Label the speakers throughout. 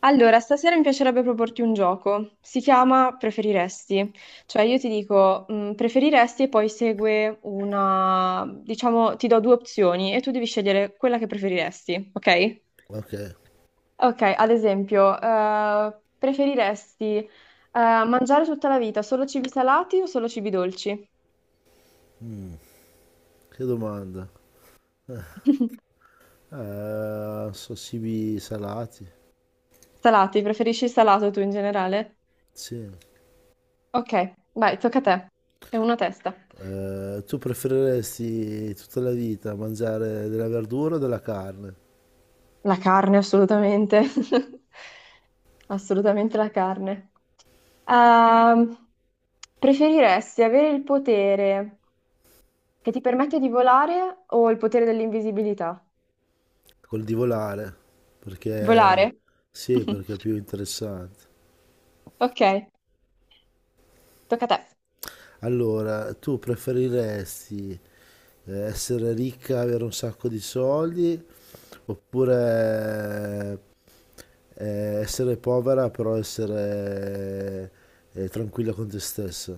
Speaker 1: Allora, stasera mi piacerebbe proporti un gioco. Si chiama Preferiresti. Cioè io ti dico preferiresti e poi segue una, diciamo, ti do due opzioni e tu devi scegliere quella che preferiresti, ok?
Speaker 2: Ok.
Speaker 1: Ok, ad esempio, preferiresti mangiare tutta la vita solo cibi salati o solo cibi dolci?
Speaker 2: Mm, che domanda. Eh, so cibi salati.
Speaker 1: Salati, preferisci il salato tu in generale?
Speaker 2: Sì.
Speaker 1: Ok, vai, tocca a te. È una testa.
Speaker 2: Tu preferiresti tutta la vita mangiare della verdura o della carne?
Speaker 1: La carne, assolutamente. Assolutamente la carne. Ehm, preferiresti avere il potere che ti permette di volare o il potere dell'invisibilità?
Speaker 2: Col divolare, perché
Speaker 1: Volare?
Speaker 2: sì, perché è più interessante.
Speaker 1: Ok, tocca a te.
Speaker 2: Allora, tu preferiresti essere ricca, avere un sacco di soldi, oppure essere povera però essere tranquilla con te stessa?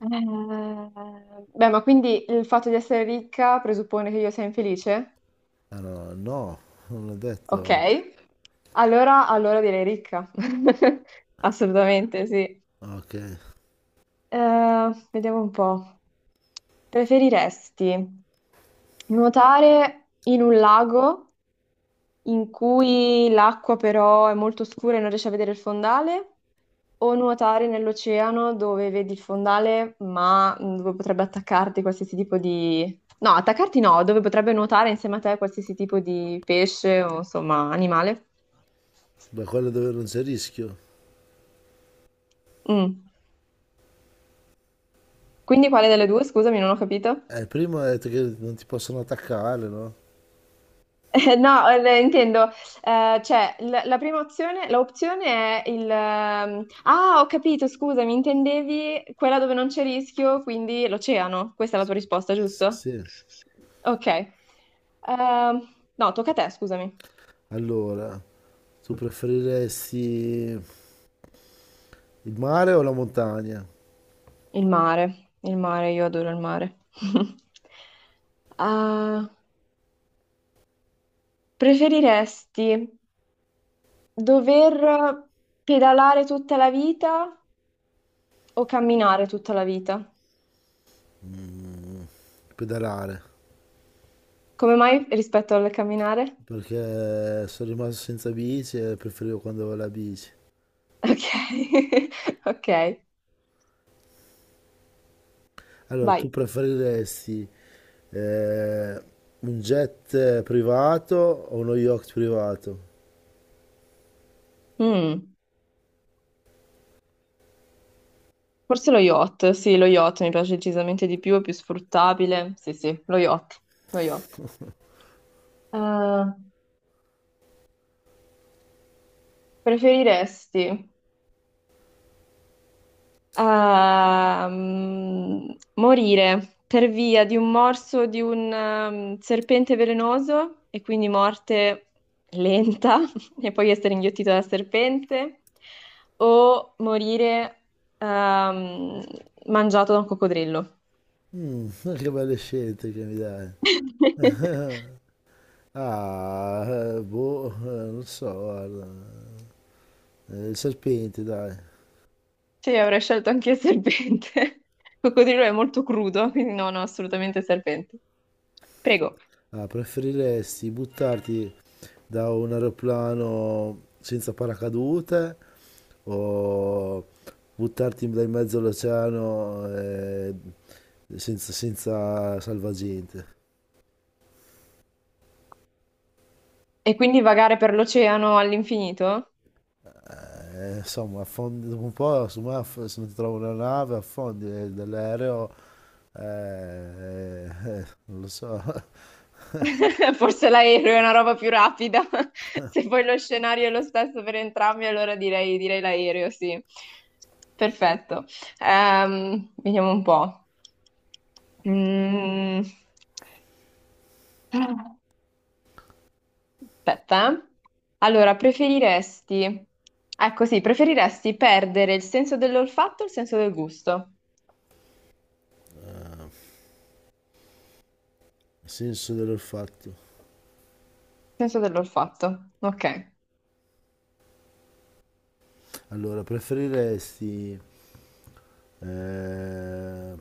Speaker 1: Eh, beh, ma quindi il fatto di essere ricca presuppone che io sia infelice?
Speaker 2: Allora, no, no, non l'ho
Speaker 1: Ok,
Speaker 2: detto.
Speaker 1: allora direi ricca. Assolutamente, sì.
Speaker 2: Ok,
Speaker 1: Vediamo un po'. Preferiresti nuotare in un lago in cui l'acqua però è molto scura e non riesci a vedere il fondale, o nuotare nell'oceano dove vedi il fondale, ma dove potrebbe attaccarti qualsiasi tipo di... No, attaccarti no, dove potrebbe nuotare insieme a te qualsiasi tipo di pesce o insomma animale.
Speaker 2: da quello dove non c'è rischio.
Speaker 1: Mm. Quindi quale delle due? Scusami, non ho capito.
Speaker 2: Prima hai detto che non ti possono attaccare, no?
Speaker 1: No, intendo, cioè, la prima opzione, l'opzione è il... ah, ho capito, scusami, intendevi quella dove non c'è rischio, quindi l'oceano. Questa è la tua risposta,
Speaker 2: S-
Speaker 1: giusto?
Speaker 2: sì.
Speaker 1: Ok. No, tocca a te, scusami.
Speaker 2: Allora, tu preferiresti il mare o la montagna?
Speaker 1: Il mare, io adoro il mare. Ah, preferiresti dover pedalare tutta la vita o camminare tutta la vita?
Speaker 2: Mm, Pedalare,
Speaker 1: Come mai rispetto al camminare?
Speaker 2: perché sono rimasto senza bici e preferivo quando avevo la bici.
Speaker 1: Ok, ok,
Speaker 2: Allora, tu
Speaker 1: vai.
Speaker 2: preferiresti eh, un jet privato o uno yacht privato?
Speaker 1: Mm, forse lo yacht, sì, lo yacht mi piace decisamente di più, è più sfruttabile. Sì, sì, lo yacht, lo yacht. Eh, preferiresti a mm, morire per via di un morso di un serpente velenoso e quindi morte lenta e poi essere inghiottito dal serpente o morire ehm, mangiato da un coccodrillo.
Speaker 2: Mm, che belle scelte che mi dai. Ah, boh, non so, guarda. Il serpente, dai.
Speaker 1: Sì, avrei scelto anche il serpente. Il coccodrillo è molto crudo, quindi no, no, assolutamente serpente. Prego.
Speaker 2: Ah, preferiresti buttarti da un aeroplano senza paracadute o buttarti in mezzo all'oceano senza salvagente?
Speaker 1: E quindi vagare per l'oceano all'infinito?
Speaker 2: Insomma, affondi, dopo un po', insomma, se non ti trovo una nave, affondi dall'aereo, non lo so.
Speaker 1: Forse l'aereo è una roba più rapida. Se poi lo scenario è lo stesso per entrambi, allora direi, direi l'aereo, sì. Perfetto. Vediamo un po'. Mm. Aspetta, eh. Allora, preferiresti... Ecco sì, preferiresti perdere il senso dell'olfatto o il senso del gusto?
Speaker 2: Il senso dell'olfatto.
Speaker 1: Il senso dell'olfatto, ok.
Speaker 2: Allora, preferiresti eh,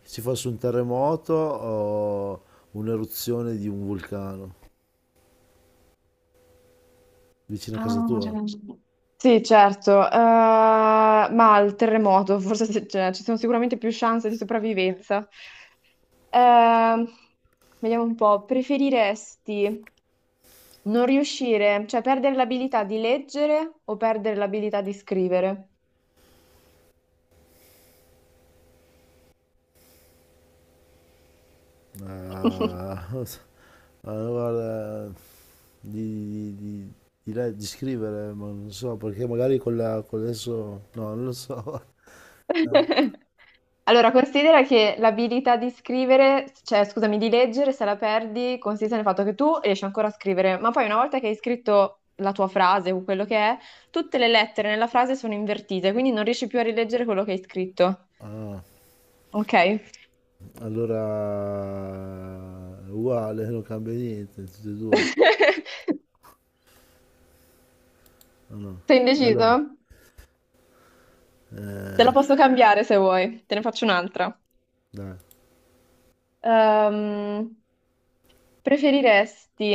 Speaker 2: che ci fosse un terremoto o un'eruzione di un vulcano vicino a casa
Speaker 1: Ah,
Speaker 2: tua?
Speaker 1: sì, certo, ma il terremoto, forse cioè, ci sono sicuramente più chance di sopravvivenza. Ehm, vediamo un po', preferiresti non riuscire, cioè perdere l'abilità di leggere o perdere l'abilità di scrivere?
Speaker 2: Ah, ah, guarda, di, di- di- di scrivere, ma non so, perché magari con adesso, no, non lo so. Ah,
Speaker 1: Allora, considera che l'abilità di scrivere, cioè scusami, di leggere, se la perdi, consiste nel fatto che tu riesci ancora a scrivere, ma poi una volta che hai scritto la tua frase o quello che è, tutte le lettere nella frase sono invertite, quindi non riesci più a rileggere quello che hai scritto.
Speaker 2: ah,
Speaker 1: Ok?
Speaker 2: allora, è uguale, non cambia niente, tutte e due. Ah, no.
Speaker 1: Sei indeciso?
Speaker 2: Allora,
Speaker 1: Te la
Speaker 2: eh,
Speaker 1: posso cambiare se vuoi, te ne faccio un'altra.
Speaker 2: dai,
Speaker 1: Ehm, preferiresti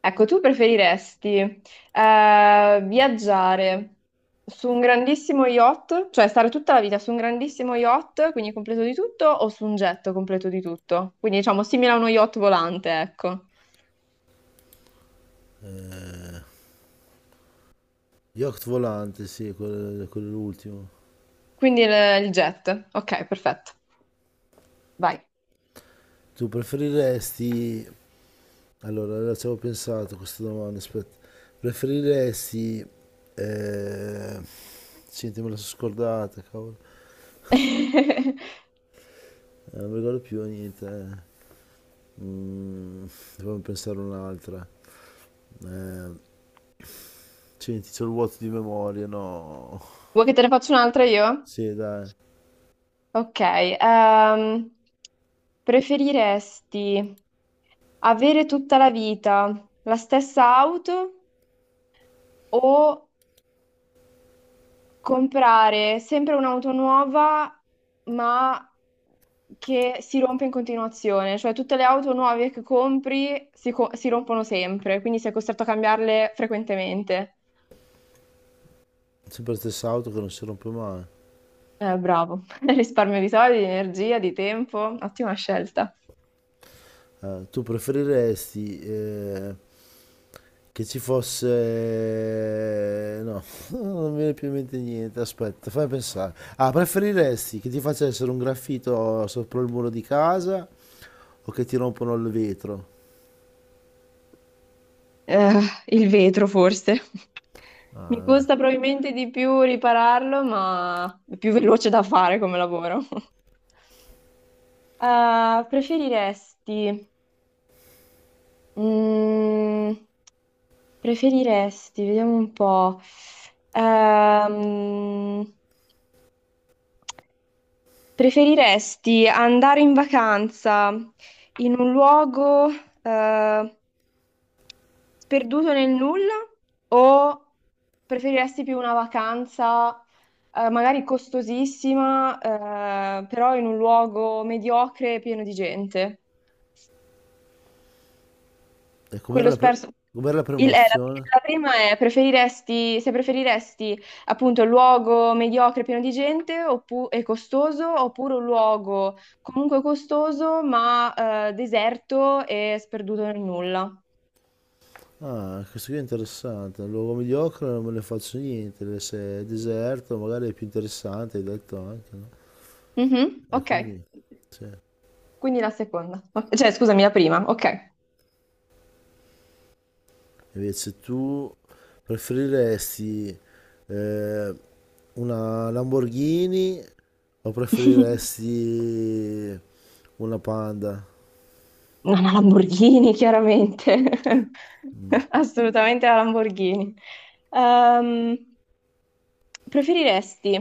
Speaker 1: ecco, tu preferiresti viaggiare su un grandissimo yacht, cioè stare tutta la vita su un grandissimo yacht, quindi completo di tutto, o su un jet completo di tutto? Quindi diciamo simile a uno yacht volante, ecco.
Speaker 2: eh, yacht volante, sì, quello è l'ultimo.
Speaker 1: Quindi il jet. Ok, perfetto. Vai.
Speaker 2: Tu preferiresti. Allora, ci avevo pensato a questa domanda, aspetta. Preferiresti. Eh... Senti, me la sono scordata, cavolo. Non mi ricordo più niente. Eh. Mm, Dovevo pensare un'altra. Eh, senti, c'ho il vuoto di memoria, no.
Speaker 1: Vuoi che te ne faccia un'altra io?
Speaker 2: Sì, dai.
Speaker 1: Ok. Preferiresti avere tutta la vita la stessa auto? O comprare sempre un'auto nuova, ma che si rompe in continuazione, cioè tutte le auto nuove che compri si rompono sempre, quindi sei costretto a cambiarle frequentemente.
Speaker 2: Sempre la stessa auto che non si rompe mai.
Speaker 1: Bravo, risparmio di soldi, di energia, di tempo, ottima scelta.
Speaker 2: Ah, tu preferiresti che ci fosse. No, non mi viene più in mente niente, aspetta, fammi pensare. Ah, preferiresti che ti facessero un graffito sopra il muro di casa o che ti rompono il vetro?
Speaker 1: Eh, il vetro forse. Mi costa probabilmente di più ripararlo, ma è più veloce da fare come lavoro. Preferiresti mm, preferiresti, vediamo un po'. Ehm, preferiresti andare in vacanza in un luogo eh, sperduto nel nulla o preferiresti più una vacanza magari costosissima, però in un luogo mediocre e pieno di gente?
Speaker 2: E
Speaker 1: Quello sperso.
Speaker 2: com'era la prima
Speaker 1: Il- eh, la,
Speaker 2: opzione?
Speaker 1: la prima è preferiresti, se preferiresti appunto un luogo mediocre pieno di gente e costoso oppure un luogo comunque costoso ma deserto e sperduto nel nulla.
Speaker 2: Ah, questo qui è interessante. Un luogo mediocre non me ne faccio niente. Se è deserto, magari è più interessante, hai detto anche, no?
Speaker 1: Mhm,
Speaker 2: E
Speaker 1: ok,
Speaker 2: quindi, sì.
Speaker 1: quindi la seconda. Ok, cioè, scusami, la prima, ok.
Speaker 2: Invece tu preferiresti eh, una Lamborghini o preferiresti una Panda?
Speaker 1: No, una Lamborghini, chiaramente. Assolutamente la Lamborghini. Ehm, Preferiresti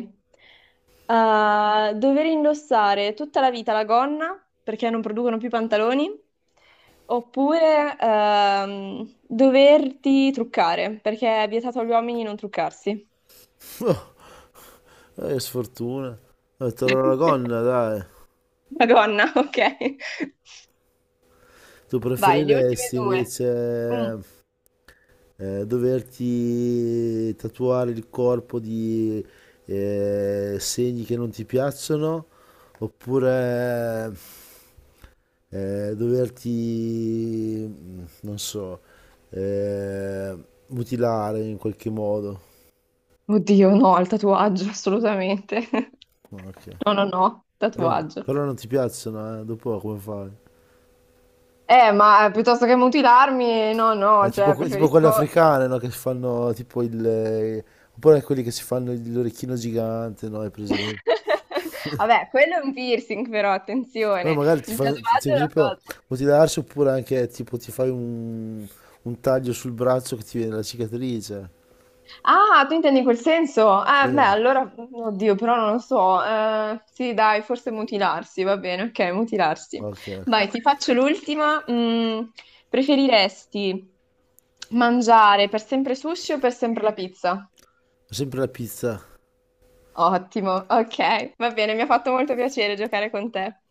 Speaker 1: dover indossare tutta la vita la gonna perché non producono più pantaloni oppure doverti truccare perché è vietato agli uomini non truccarsi?
Speaker 2: Oh, che sfortuna. Te la gonna, dai.
Speaker 1: La gonna, ok.
Speaker 2: Tu
Speaker 1: Vai, le ultime
Speaker 2: preferiresti
Speaker 1: due. Mm.
Speaker 2: invece doverti tatuare il corpo di segni che non ti piacciono oppure doverti, non so, eh, mutilare in qualche modo.
Speaker 1: Oddio, no, al tatuaggio, assolutamente.
Speaker 2: Ok.
Speaker 1: No, no, no,
Speaker 2: Però,
Speaker 1: tatuaggio.
Speaker 2: però non ti piacciono, eh? Dopo come fai?
Speaker 1: Ma piuttosto che mutilarmi, no,
Speaker 2: È
Speaker 1: no, cioè
Speaker 2: tipo quelle
Speaker 1: preferisco...
Speaker 2: africane, no? Che si fanno tipo il. Oppure quelli che si fanno l'orecchino gigante, no? Hai presente?
Speaker 1: Vabbè, quello è un piercing però,
Speaker 2: Ma
Speaker 1: attenzione,
Speaker 2: magari
Speaker 1: il tatuaggio
Speaker 2: per
Speaker 1: è una
Speaker 2: esempio,
Speaker 1: cosa.
Speaker 2: mutilarsi oppure anche tipo ti fai un taglio sul braccio che ti viene la cicatrice.
Speaker 1: Ah, tu intendi quel senso? Beh,
Speaker 2: Sì,
Speaker 1: allora, oddio, però non lo so. Sì, dai, forse mutilarsi, va bene, ok, mutilarsi.
Speaker 2: ok, ok.
Speaker 1: Vai, ti faccio l'ultima. Mm, preferiresti mangiare per sempre sushi o per sempre la pizza?
Speaker 2: Sempre la pizza.
Speaker 1: Ottimo, ok, va bene, mi ha fatto molto piacere giocare con te.